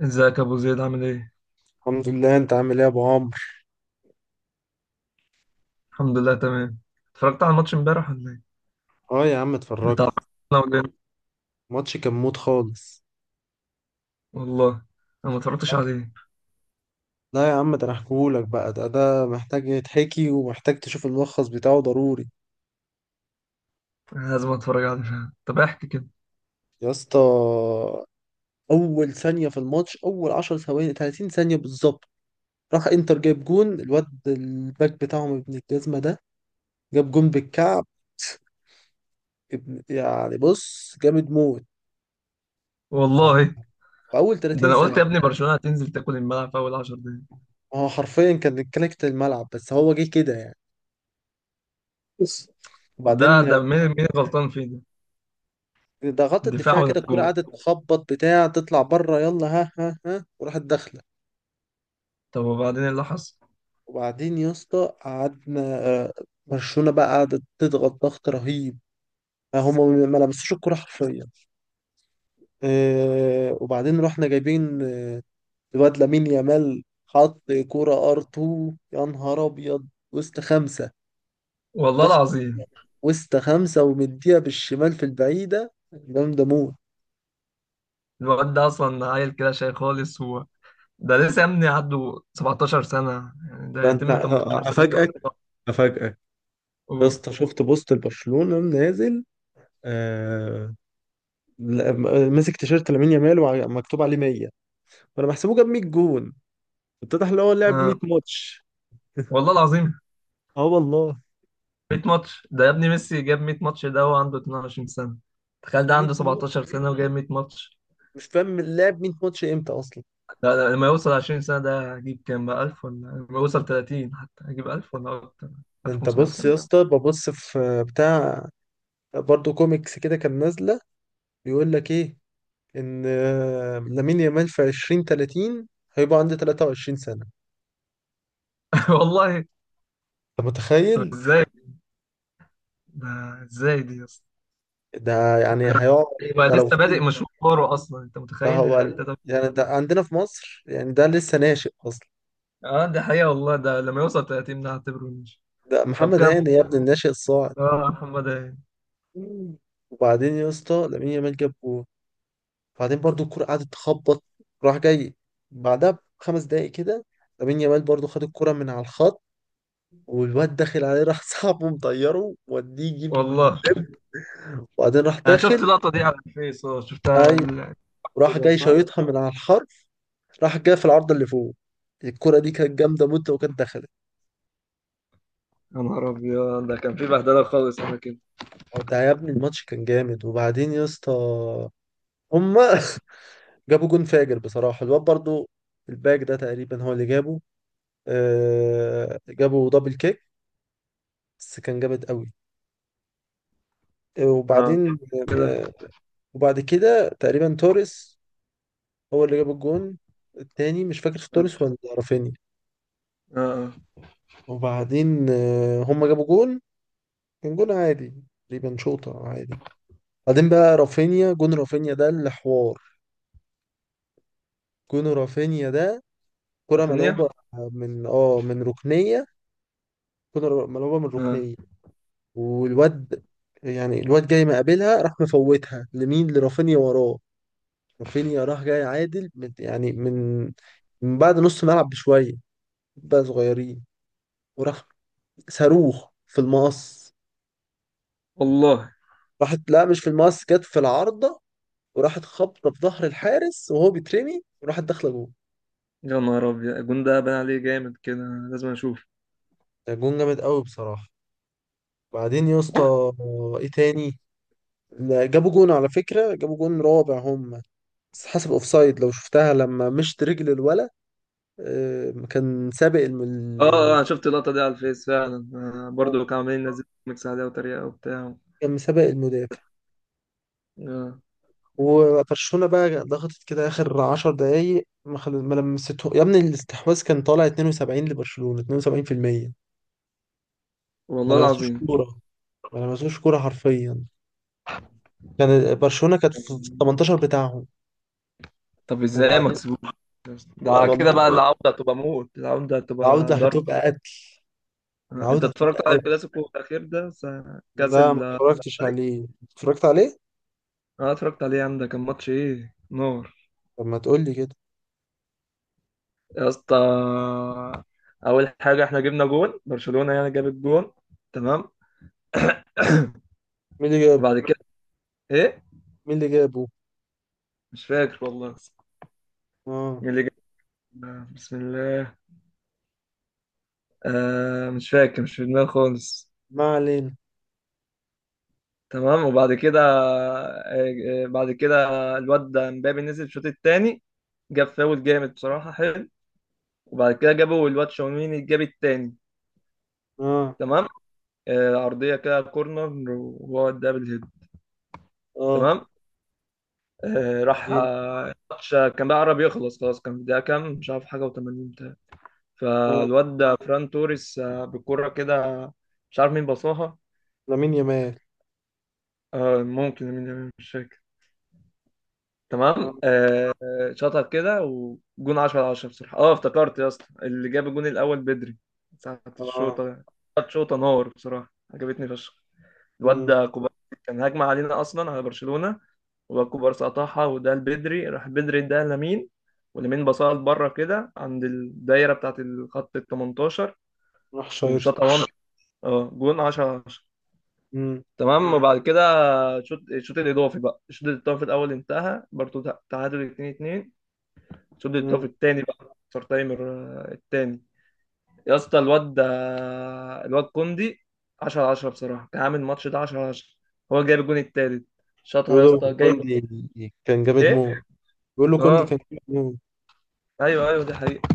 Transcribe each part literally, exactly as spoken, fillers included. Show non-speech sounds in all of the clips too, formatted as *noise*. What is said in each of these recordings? ازيك يا ابو زيد عامل ايه؟ الحمد لله، انت عامل ايه يا ابو عمرو؟ الحمد لله تمام. اتفرجت على الماتش امبارح ولا ايه؟ اه يا عم بتاع اتفرجت. أنا والهند. الماتش كان موت خالص. والله، انا ما اتفرجتش عليه. لا يا عم، ده انا احكيهولك بقى. ده ده محتاج يتحكي ومحتاج تشوف الملخص بتاعه ضروري. أنا لازم اتفرج عليه فعلا. طب احكي كده. يا اسطى، اول ثانيه في الماتش، اول 10 ثواني، ثلاثين ثانية ثانيه بالظبط، راح انتر جايب جون. الواد الباك بتاعهم ابن الجزمه ده جاب جون بالكعب. ابن، يعني بص، جامد موت. ف- والله، في اول ده انا تلاتين ثانية قلت يا ثانيه. ابني برشلونة هتنزل تاكل الملعب في اول 10 دقايق. هو حرفيا كان كلكت الملعب بس هو جه كده يعني. بص. طب ده وبعدين ده مين مين غلطان فيه ده؟ ضغطت الدفاع الدفاع ولا كده، الكرة الجون؟ قعدت تخبط بتاع، تطلع بره، يلا ها ها ها، وراحت داخلة. طب وبعدين ايه اللي حصل؟ وبعدين يا اسطى قعدنا، آه، برشلونة بقى قعدت تضغط ضغط رهيب. آه، هم ما لمسوش الكرة حرفيا. آه، وبعدين رحنا جايبين، آه، الواد لامين يامال حط كرة ار تو، يا نهار ابيض، وسط خمسة، والله دخل. العظيم. وسط خمسة، ومديها بالشمال في البعيدة، جامدة موت. الواد ده اصلا عيل كده شاي خالص هو، ده لسه يا ابني عنده 17 سنة، يعني ده ده انت، هيتم 18 سنة كمان. افاجئك افاجئك. يا أوه. اسطى شفت بوست لبرشلونة نازل، آه، لا- م- ماسك تيشيرت لامين يامال ومكتوب عليه مية. فانا بحسبه جاب 100 جون، اتضح ان هو لعب 100 آه. ماتش. والله العظيم. اه والله. 100 ماتش ده يا ابني، ميسي جاب 100 ماتش ده وهو عنده 22 سنة. تخيل ده عنده 100 ماتش، 17 سنة وجايب 100 ماتش. مش فاهم لعب 100 ماتش امتى اصلا. لا لا، لما يوصل 20 سنة ده هجيب كام بقى، ألف ولا؟ لما يوصل تلاتين حتى هجيب ألف ولا أكتر، ده انت ألف وخمسمية بص يا مثلا. اسطى، ببص في بتاع، برضه كوميكس كده كان نازلة، بيقول لك ايه، ان آه، لامين يامال في عشرين ثلاثين هيبقى عنده 23 سنة. *laughs* والله. انت طب متخيل؟ ازاي ده، ازاي دي يا اسطى؟ ده يعني هيقعد، يبقى ده لو لسه بادئ فضل. مشواره أصلا، أنت ده متخيل هو يا ال- تلاتة- يعني ده عندنا في مصر يعني ده لسه ناشئ اصلا. اه، دي حقيقة والله. ده لما يوصل تلاتين ده هعتبره نيش. ده طب محمد كم، هاني يا ابني الناشئ الصاعد. اه، محمد إيه؟ مم. وبعدين يا اسطى لامين يامال جاب جول، وبعدين برضو الكرة قعدت تخبط، راح جاي بعدها بخمس دقايق كده لامين يامال برضو خد الكرة من على الخط، والواد داخل عليه، راح *laughs* صاحبه مطيره وديه يجيب، والله. وبعدين راح أنا شفت داخل. اللقطة دي على الفيس، اه، شفتها على ايوه، راح ال- جاي صح؟ شايطها من على الحرف، راح جاي في العارضة اللي فوق. الكرة دي كانت جامدة موت لو كانت دخلت. يا نهار أبيض، ده كان في بهدلة خالص على كده. هو ده يا ابني الماتش كان جامد. وبعدين يا اسطى هما *laughs* جابوا جون فاجر بصراحة، الواد برضو الباك ده تقريبا هو اللي جابه. آه جابوا دبل كيك، بس كان جامد قوي. آه، اه، وبعدين كده. آه وبعد كده تقريبا توريس هو اللي جاب الجون التاني، مش فاكر في اه توريس ولا رافينيا. اه، وبعدين آه هما جابوا جون، كان جون عادي، تقريبا شوطة عادي. بعدين بقى رافينيا، جون رافينيا ده اللي حوار. جون رافينيا ده كرة سافونية. ملعوبة من اه من ركنية، كرة ملعوبة من اه ركنية، والواد، يعني الواد جاي مقابلها راح مفوتها لمين، لرافينيا وراه. رافينيا راح جاي عادل من، يعني من من بعد نص ملعب بشوية، بقى صغيرين، وراح صاروخ في المقص. والله. راحت، لا مش في المقص، جت في العارضة وراحت خبطة في ظهر الحارس وهو بيترمي وراحت داخلة جول. يا نهار أبيض، الجون ده بان عليه جامد كده، لازم أشوف. ده جون جامد قوي بصراحة. بعدين يا اسطى، ايه تاني؟ لا، جابوا جون على فكرة، جابوا جون رابع هم، بس حسب اوفسايد. لو شفتها لما مشت رجل الولد، آه، كان سابق الم... اه. اه، ال- أنا شفت اللقطة دي على الفيس فعلا. آه، آه، برضه كانوا عاملين ينزلوا ميكس عليها وتريقة وبتاع. كان مسابق المدافع. آه. وبرشلونة بقى ضغطت كده آخر عشر دقايق، ما خل... ما لمسته يا ابني، الاستحواذ كان طالع اتنين وسبعين لبرشلونة، اتنين وسبعين بالميه. ما والله لمسوش العظيم. كورة، ما لمسوش كورة حرفيا. كان برشلونة كانت في في تمنتاشر بتاعهم. طب ازاي ما وبعدين، كسبوش؟ ده والله كده بقى، العودة هتبقى موت، العودة هتبقى العودة ضرب. هتبقى قتل، آه. انت العودة هتبقى اتفرجت على قتل. الكلاسيكو الأخير ده س- كأس لا ما ال- اتفرجتش الملك؟ عليه. اتفرجت عليه؟ اه، اتفرجت عليه يا عم، ده كان ماتش ايه نار طب ما تقول لي كده. يا اسطى. اول حاجه، احنا جبنا جون برشلونه، يعني جاب الجون. تمام. مين اللي جاب؟ وبعد كده، ايه، مين اللي جابه؟ مش فاكر والله. اه. مين اللي جاب؟ بسم الله. آه، مش فاكر، مش في دماغي خالص. ما علينا. تمام. وبعد كده آه آه، بعد كده الواد ده مبابي نزل الشوط التاني، جاب فاول جامد بصراحه حلو. وبعد كده جابوا الواد شاوميني، جاب التاني. اه. تمام. آه، عرضيه كده كورنر وهو ده بالهيد. اه، تمام. آه، راح بعدين. آه، الماتش كان بقى قرب يخلص خلاص، كان في دقيقة كام مش عارف، حاجة و80. بتاع آه. فالواد ده فران توريس آه، بالكرة كده. مش عارف مين باصاها. لامين يامال. آه، ممكن مين، مش فاكر. تمام. اه. آه، آه، شاطها كده وجون عشرة على عشرة بصراحة. اه افتكرت يا اسطى، اللي جاب الجون الأول بدري ساعة آه. الشوطة، كانت شوطة نار بصراحة، عجبتني فشخ. الواد امم. ده كوبارسي، كان هجمة علينا أصلا على برشلونة، وباكو بارسا قطعها وده لبدري، راح بدري ده لمين، ولمين باصها لبره كده عند الدايره بتاعه الخط ال تمنتاشر، راح شايطها. وشاطها وان، اه، جون عشرة عشرة. امم. تمام. وبعد كده شوط الشوط الاضافي بقى، الشوط الاضافي الاول انتهى برضه تع- تعادل اتنين اتنين. الشوط امم. الاضافي الثاني بقى اكسترا تايمر آه، الثاني. يا اسطى، الواد ده، الواد كوندي، عشرة عشرة بصراحه، كان عامل الماتش ده عشرة عشرة، هو جايب الجون الثالث، شاطها يا بيقولوا اسطى جاي. كوندي كان جامد ايه. موت. بيقولوا كوندي اه، كان جامد موت. ايوه ايوه، دي حقيقة.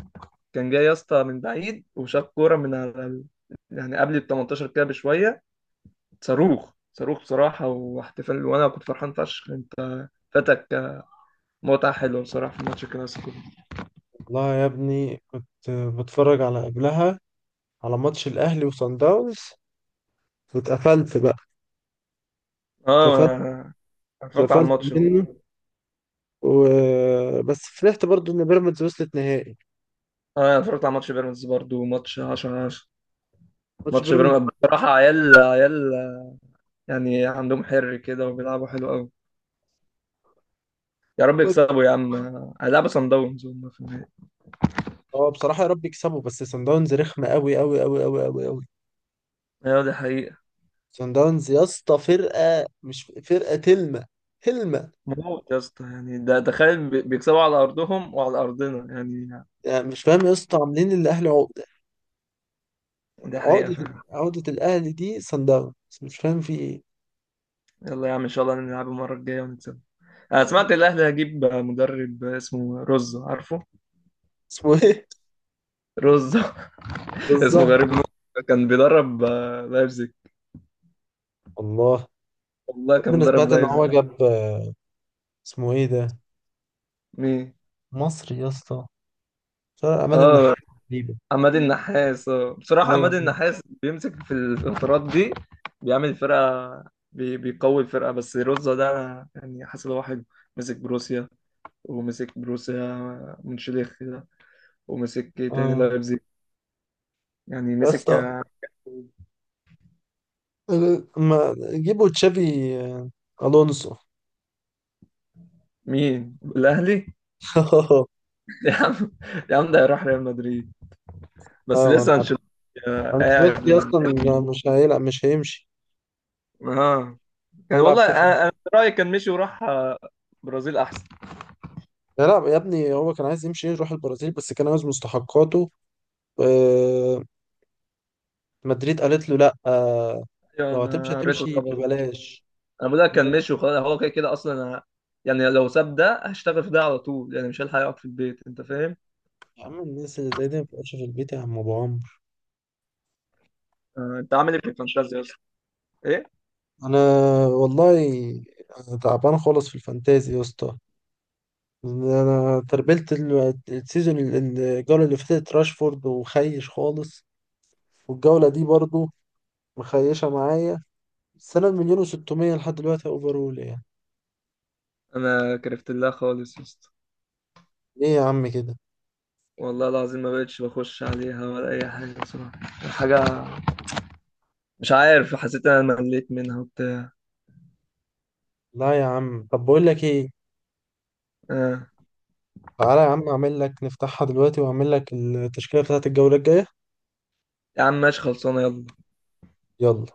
كان جاي يا اسطى من بعيد، وشاف كوره من على ال... يعني قبل ال تمنتاشر كده بشويه، صاروخ صاروخ بصراحه، واحتفال، وانا كنت فرحان فشخ. انت فاتك متعه حلوه بصراحه في ماتش الكلاسيكو. والله يا ابني كنت بتفرج على قبلها، على ماتش الاهلي وصن داونز، واتقفلت بقى، اتقفلت. اه أنا، اتفرجت على اتقفلت الماتش اه. منه و... بس فرحت برضو ان بيراميدز وصلت نهائي. أنا اتفرجت على ماتش بيراميدز برضو، ماتش عشرة عشرة. ماتش ماتش بيراميدز. بيراميدز بصراحه، عيال عيال، يعني عندهم حر كده، وبيلعبوا حلو قوي. يا رب يكسبوا يا عم، هيلعبوا صن داونز هم في النهائي. اه بصراحة يا رب يكسبوا، بس صن داونز رخمة قوي قوي قوي قوي قوي قوي. ايوه، دي حقيقة. سان داونز يا اسطى فرقه، مش فرقه تلمه، تلمه. موت يا اسطى، يعني ده تخيل بي- بيكسبوا على ارضهم وعلى ارضنا يعني. يعني مش فاهم يا اسطى، عاملين الاهلي عقده، يعني ده حقيقة عقده، فعلا. عقده الاهلي دي سان داونز. مش فاهم في ايه. يلا يا عم، إن شاء الله نلعب المرة الجاية ونكسب. أنا سمعت الأهلي هيجيب مدرب اسمه روزو، عارفه؟ اسمه ايه؟ روزو. *laughs* *laughs* اسمه بالظبط. غريب موت، كان بيدرب آه، لايبزيج. الله. والله يا كان ابني انا بيدرب سمعت ان لايبزيج. هو جاب، آه، اسمه ايه ده، مين؟ مصري يا اسطى، فرق عماد النحاس آه. تقريبا. عماد النحاس. آه، بصراحة ايوه. عماد النحاس بيمسك في الفترات دي، بيعمل فرقة، بي... بيقوي الفرقة. بس روزو ده أنا يعني حاسس إن هو حلو، مسك بروسيا، ومسك بروسيا منشليخ ده، ومسك إيه تاني، اه لايبزيج. يعني يا مسك اسطى، آه، ما جيبوا تشافي، آه، الونسو *laughs* مين؟ الأهلي؟ *laughs* يا عم، يا عم ده هيروح ريال مدريد، بس ايوه ما انا لسه عارف. انشيلوتي آه، قاعد. انشيلوتي اصلا مش هيلعب، مش هيمشي. اه. كان هيلعب والله كاس. انا أنا في رايي، كان مشي وراح آه، برازيل احسن. لا لا يا ابني، هو كان عايز يمشي يروح البرازيل بس كان عايز مستحقاته. آه. مدريد قالت له لا. آه، ايوه، لو هتمشي انا قريته هتمشي الخبر ده. ببلاش. انا بقول لك كان لا، مشي وخلاص، هو كده كده اصلا. أنا يعني لو ساب ده هشتغل في ده على طول، يعني مش هلحق اقعد في البيت، انت فاهم. يا عم الناس اللي زي دي ما بتبقاش في البيت يا عم ابو عمرو. آه، انت عامل ايه في الفانتازيا اصلا؟ ايه. انا، والله تعبان خالص في الفانتازي يا اسطى. انا تربلت ال- السيزون، ال- الجوله اللي فاتت راشفورد وخيش خالص، والجوله دي برضو مخيشه معايا. بس انا بمليون و600 لحد دلوقتي اوفرول يعني. انا كرفت الله خالص يا اسطى، ليه يا عم كده؟ والله العظيم ما بقتش بخش عليها ولا اي حاجه بصراحه. حاجه، مش عارف، حسيت إن انا مليت منها وبتاع. لا يا عم، طب بقول لك ايه، آه. تعالى يا عم اعمل لك، نفتحها دلوقتي واعمل لك التشكيلة بتاعت الجولة الجاية. يا عم ماشي خلصانه، يلا. يلا.